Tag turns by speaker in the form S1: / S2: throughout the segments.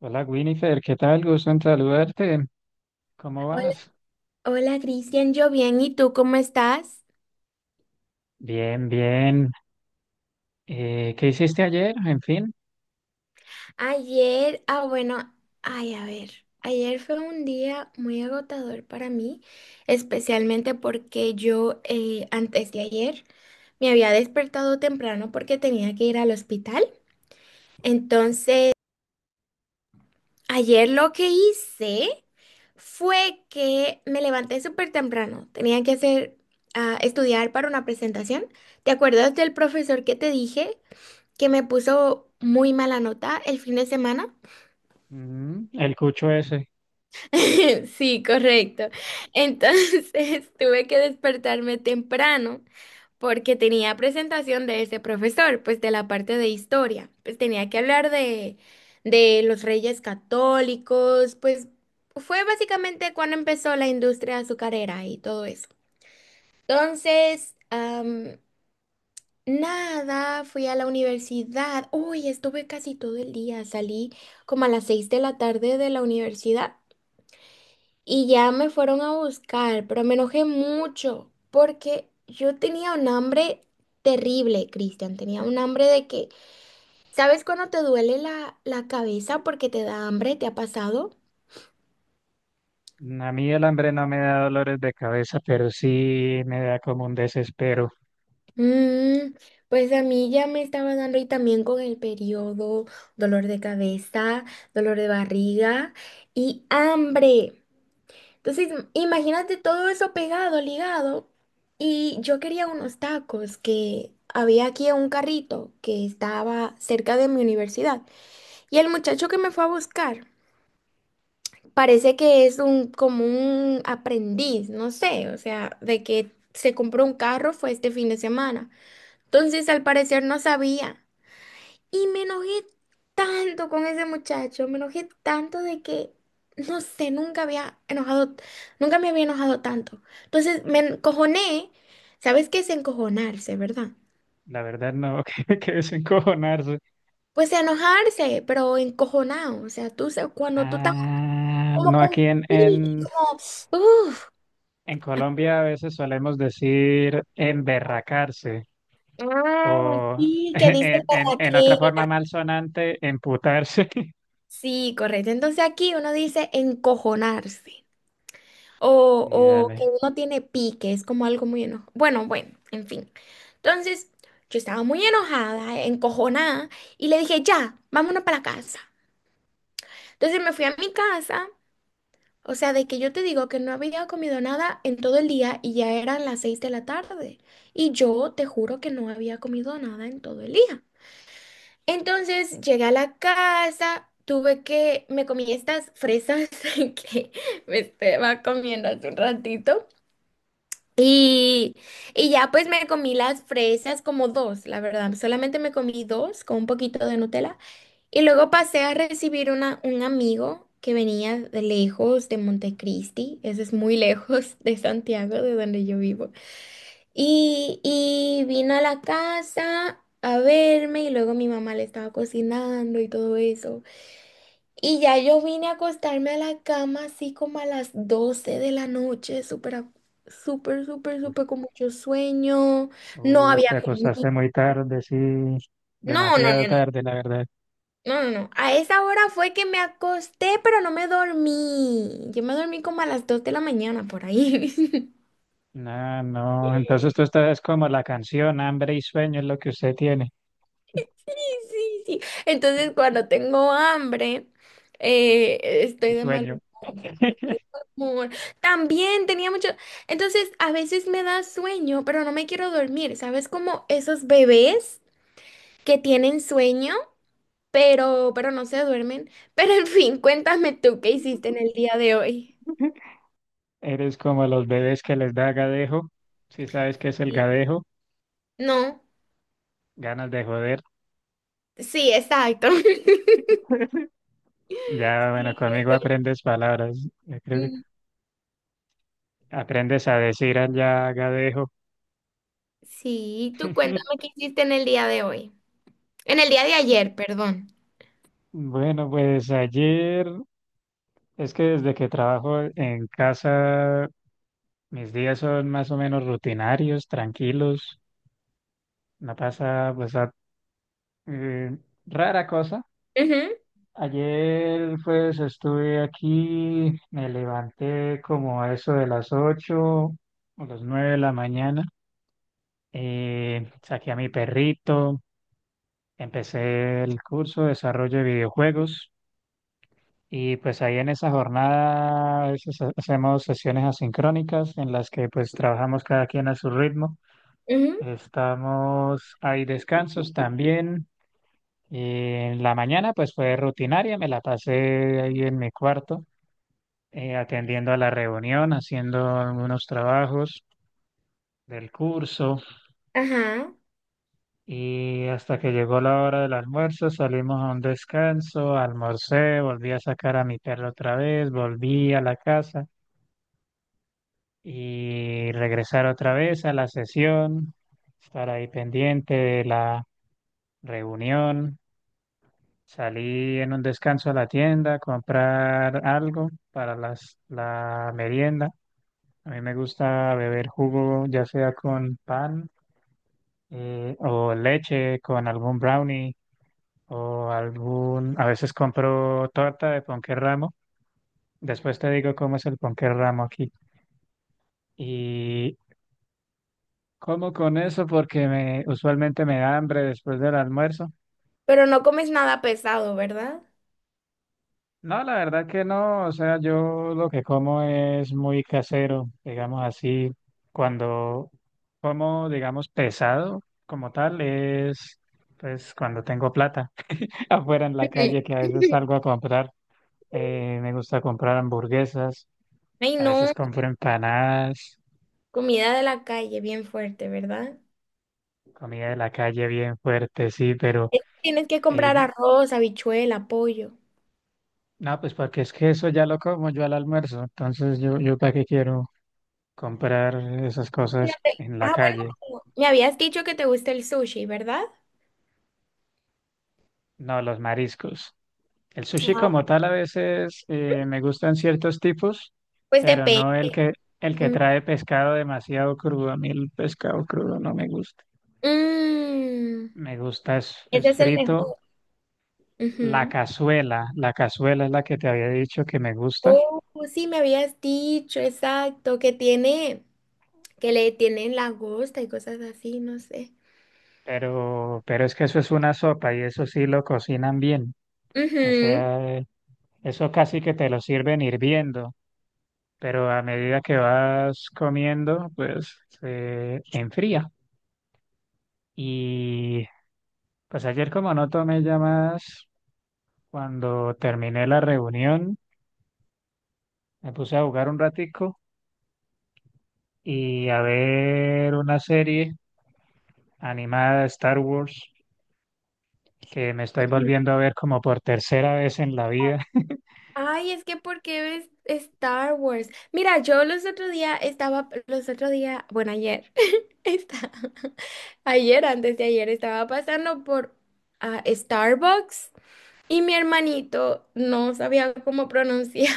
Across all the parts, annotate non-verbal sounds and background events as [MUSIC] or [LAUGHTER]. S1: Hola Winifred, ¿qué tal? Gusto en saludarte. ¿Cómo
S2: Hola,
S1: vas?
S2: hola Cristian, yo bien, ¿y tú cómo estás?
S1: Bien, bien. ¿Qué hiciste ayer? En fin.
S2: Ayer, ah bueno, ay a ver, ayer fue un día muy agotador para mí, especialmente porque yo antes de ayer me había despertado temprano porque tenía que ir al hospital. Entonces, ayer lo que hice fue que me levanté súper temprano, tenía que estudiar para una presentación. ¿Te acuerdas del profesor que te dije? Que me puso muy mala nota el fin de semana.
S1: Mm, el cucho ese.
S2: [LAUGHS] Sí, correcto. Entonces [LAUGHS] tuve que despertarme temprano porque tenía presentación de ese profesor, pues de la parte de historia. Pues tenía que hablar de los reyes católicos, pues fue básicamente cuando empezó la industria azucarera y todo eso. Entonces, nada, fui a la universidad. Uy, estuve casi todo el día. Salí como a las 6 de la tarde de la universidad y ya me fueron a buscar, pero me enojé mucho porque yo tenía un hambre terrible, Cristian. Tenía un hambre de que, ¿sabes cuando te duele la cabeza porque te da hambre? ¿Te ha pasado?
S1: Mm, a mí el hambre no me da dolores de cabeza, pero sí me da como un desespero.
S2: Mm, pues a mí ya me estaba dando y también con el periodo, dolor de cabeza, dolor de barriga y hambre. Entonces, imagínate todo eso pegado, ligado. Y yo quería unos tacos que había aquí en un carrito que estaba cerca de mi universidad. Y el muchacho que me fue a buscar parece que es un como un aprendiz, no sé, o sea, de que se compró un carro fue este fin de semana. Entonces, al parecer no sabía. Y me enojé tanto con ese muchacho, me enojé tanto de que, no sé, nunca había enojado, nunca me había enojado tanto. Entonces me encojoné, ¿sabes qué es encojonarse, verdad?
S1: La verdad no, [LAUGHS] que desencojonarse.
S2: Pues enojarse, pero encojonado, o sea, cuando tú estás
S1: Ah,
S2: como
S1: no,
S2: con
S1: aquí en, en,
S2: como, uff,
S1: en Colombia a veces solemos decir emberracarse
S2: ah,
S1: o [LAUGHS]
S2: sí, que dice
S1: en, en,
S2: por
S1: en otra
S2: aquí.
S1: forma malsonante, emputarse. [LAUGHS]
S2: Sí, correcto. Entonces aquí uno dice encojonarse. O,
S1: Y
S2: o que
S1: dale.
S2: uno tiene pique, es como algo muy enojado. Bueno, bueno, en fin. Entonces, yo estaba muy enojada, encojonada, y le dije, ya, vámonos para la casa. Entonces me fui a mi casa, o sea, de que yo te digo que no había comido nada en todo el día y ya eran las 6 de la tarde. Y yo te juro que no había comido nada en todo el día. Entonces llegué a la casa, me comí estas fresas [LAUGHS] que me estaba comiendo hace un ratito. Y, y ya pues me comí las fresas como dos, la verdad. Solamente me comí dos con un poquito de Nutella. Y luego pasé a recibir un amigo que venía de lejos, de Montecristi. Eso es muy [LAUGHS] lejos de Santiago, de donde yo vivo. Y vino a la casa a verme y luego mi mamá le estaba cocinando y todo eso. Y ya yo vine a acostarme a la cama así como a las 12 de la noche, súper, a- súper, súper, súper con mucho sueño. No
S1: Uy,
S2: había
S1: te
S2: comido.
S1: acostaste muy tarde, sí,
S2: No, no,
S1: demasiado
S2: no, no,
S1: tarde, la verdad.
S2: no, no. no. A esa hora fue que me acosté, pero no me dormí. Yo me dormí como a las 2 de la mañana por ahí. [LAUGHS]
S1: No, no, entonces tú estás como la canción, hambre y sueño es lo que usted tiene,
S2: Sí, sí, sí. Entonces cuando tengo hambre, estoy
S1: y
S2: de mal
S1: sueño.
S2: amor. También tenía mucho. Entonces, a veces me da sueño, pero no me quiero dormir. ¿Sabes? Como esos bebés que tienen sueño, pero no se duermen. [LAUGHS] Pero en fin, cuéntame tú qué hiciste en el día de hoy.
S1: [LAUGHS] Eres como los bebés que les da gadejo, si sabes qué es el
S2: Sí.
S1: gadejo,
S2: No,
S1: ganas de joder.
S2: sí, exacto. [LAUGHS]
S1: [LAUGHS] Ya, bueno,
S2: Sí, tú
S1: conmigo
S2: cuen-
S1: aprendes palabras, yo creo que
S2: Mm,
S1: aprendes a decir allá gadejo.
S2: sí, tú cuéntame
S1: [LAUGHS]
S2: qué hiciste en el día de hoy. En el día de ayer, perdón.
S1: Bueno, pues ayer, es que desde que trabajo en casa mis días son más o menos rutinarios, tranquilos. No pasa, pues, eh, rara cosa.
S2: Ujú,
S1: Ayer, pues, estuve aquí, me levanté como a eso de las 8 o las 9 de la mañana. Saqué a mi perrito, empecé el curso de desarrollo de videojuegos. Y pues ahí en esa jornada a veces hacemos sesiones asincrónicas en las que pues trabajamos cada quien a su ritmo.
S2: ujú,
S1: Estamos, hay descansos también. Y en la mañana pues fue rutinaria, me la pasé ahí en mi cuarto, atendiendo a la reunión, haciendo algunos trabajos del curso,
S2: ajá.
S1: y hasta que llegó la hora del almuerzo salimos a un descanso, almorcé, volví a sacar a mi perro otra vez, volví a la casa y regresar otra vez a la sesión, estar ahí pendiente de la reunión. Salí en un descanso a la tienda a comprar algo para la merienda. A mí me gusta beber jugo, ya sea con pan o leche, con algún brownie o algún... A veces compro torta de ponqué ramo. Después te digo cómo es el ponqué ramo aquí. Y como con eso porque me, usualmente me da hambre después del almuerzo.
S2: Pero no comes nada pesado, ¿verdad?
S1: No, la verdad que no, o sea, yo lo que como es muy casero, digamos así, cuando como, digamos, pesado como tal, es pues cuando tengo plata [LAUGHS] afuera en la
S2: Ujú.
S1: calle que a veces salgo
S2: [LAUGHS]
S1: a comprar, me gusta comprar hamburguesas,
S2: Ay,
S1: a veces
S2: no.
S1: compro empanadas,
S2: Comida de la calle, bien fuerte, ¿verdad?
S1: comida de la calle bien fuerte, sí, pero
S2: Es que tienes que comprar
S1: eh,
S2: arroz, habichuela, pollo.
S1: no, pues porque es que eso ya lo como yo al almuerzo, entonces yo para qué quiero comprar esas cosas
S2: Fíjate,
S1: pues, en la
S2: ah, bueno,
S1: calle.
S2: como me habías dicho que te gusta el sushi, ¿verdad?
S1: No, los mariscos. El sushi
S2: Ah.
S1: como tal a veces me gustan ciertos tipos,
S2: Pues
S1: pero
S2: depende.
S1: no el que
S2: Ujú.
S1: trae pescado demasiado crudo. A mí el pescado crudo no me gusta.
S2: Mm,
S1: Me gusta es
S2: ese es el
S1: frito.
S2: mejor. Ujú.
S1: La cazuela es la que te había dicho que me gusta,
S2: Oh, sí, me habías dicho, exacto, que tiene, que le tienen langosta y cosas así, no sé.
S1: pero es que eso es una sopa y eso sí lo cocinan bien. O
S2: Ujú.
S1: sea, eso casi que te lo sirven hirviendo, pero a medida que vas comiendo, pues se enfría. Y pues ayer como no tomé llamadas, cuando terminé la reunión, me puse a jugar un ratico y a ver una serie animada de Star Wars que me estoy volviendo a ver como por tercera vez en la vida.
S2: Ay, es que ¿por qué ves Star Wars? Mira, yo los otro día, bueno, ayer, [LAUGHS] está, ayer, antes de ayer, estaba pasando por ah, Starbucks y mi hermanito no sabía cómo pronunciar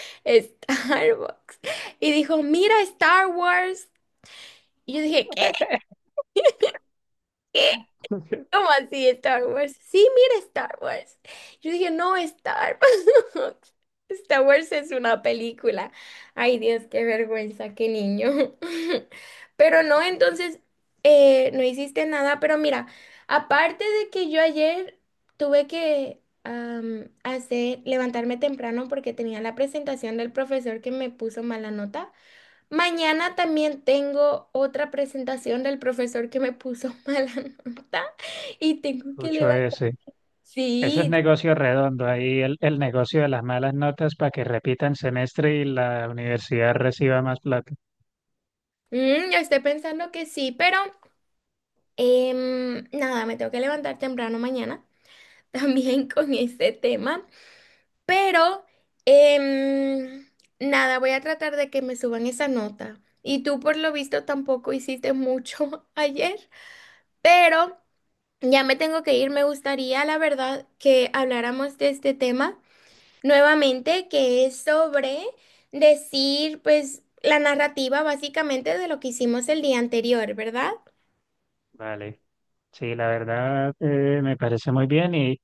S2: [LAUGHS] Starbucks y dijo, mira, Star Wars. Y yo dije, ¿qué?
S1: [LAUGHS]
S2: ¿Cómo así Star Wars? Sí, mira Star Wars. Yo dije, no, Star Wars. [LAUGHS] Star Wars es una película. Ay, Dios, qué vergüenza, qué niño. [LAUGHS] Pero no, entonces, no hiciste nada. Pero mira, aparte de que yo ayer tuve que levantarme temprano porque tenía la presentación del profesor que me puso mala nota. Mañana también tengo otra presentación del profesor que me puso mala [LAUGHS] nota y tengo que
S1: Escucho
S2: levantar.
S1: ese. Eso es
S2: Sí,
S1: negocio redondo, ahí el negocio de las malas notas para que repitan semestre y la universidad reciba más plata.
S2: mm, yo estoy pensando que sí, pero nada, me tengo que levantar temprano mañana [LAUGHS] también con este tema. Pero em, nada, voy a tratar de que me suban esa nota. Y tú por lo visto tampoco hiciste mucho [LAUGHS] ayer, pero ya me tengo que ir. Me gustaría, la verdad, que habláramos de este tema nuevamente, que es sobre decir, pues, la narrativa básicamente de lo que hicimos el día anterior, ¿verdad?
S1: Vale. Sí, la verdad me parece muy bien. Y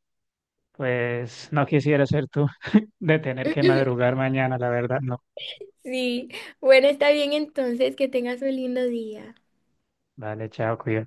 S1: pues no quisiera ser tú [LAUGHS] de tener que
S2: [LAUGHS]
S1: madrugar mañana, la verdad, no.
S2: Sí, bueno, está bien entonces, que tengas un lindo día.
S1: Vale, chao, cuídate.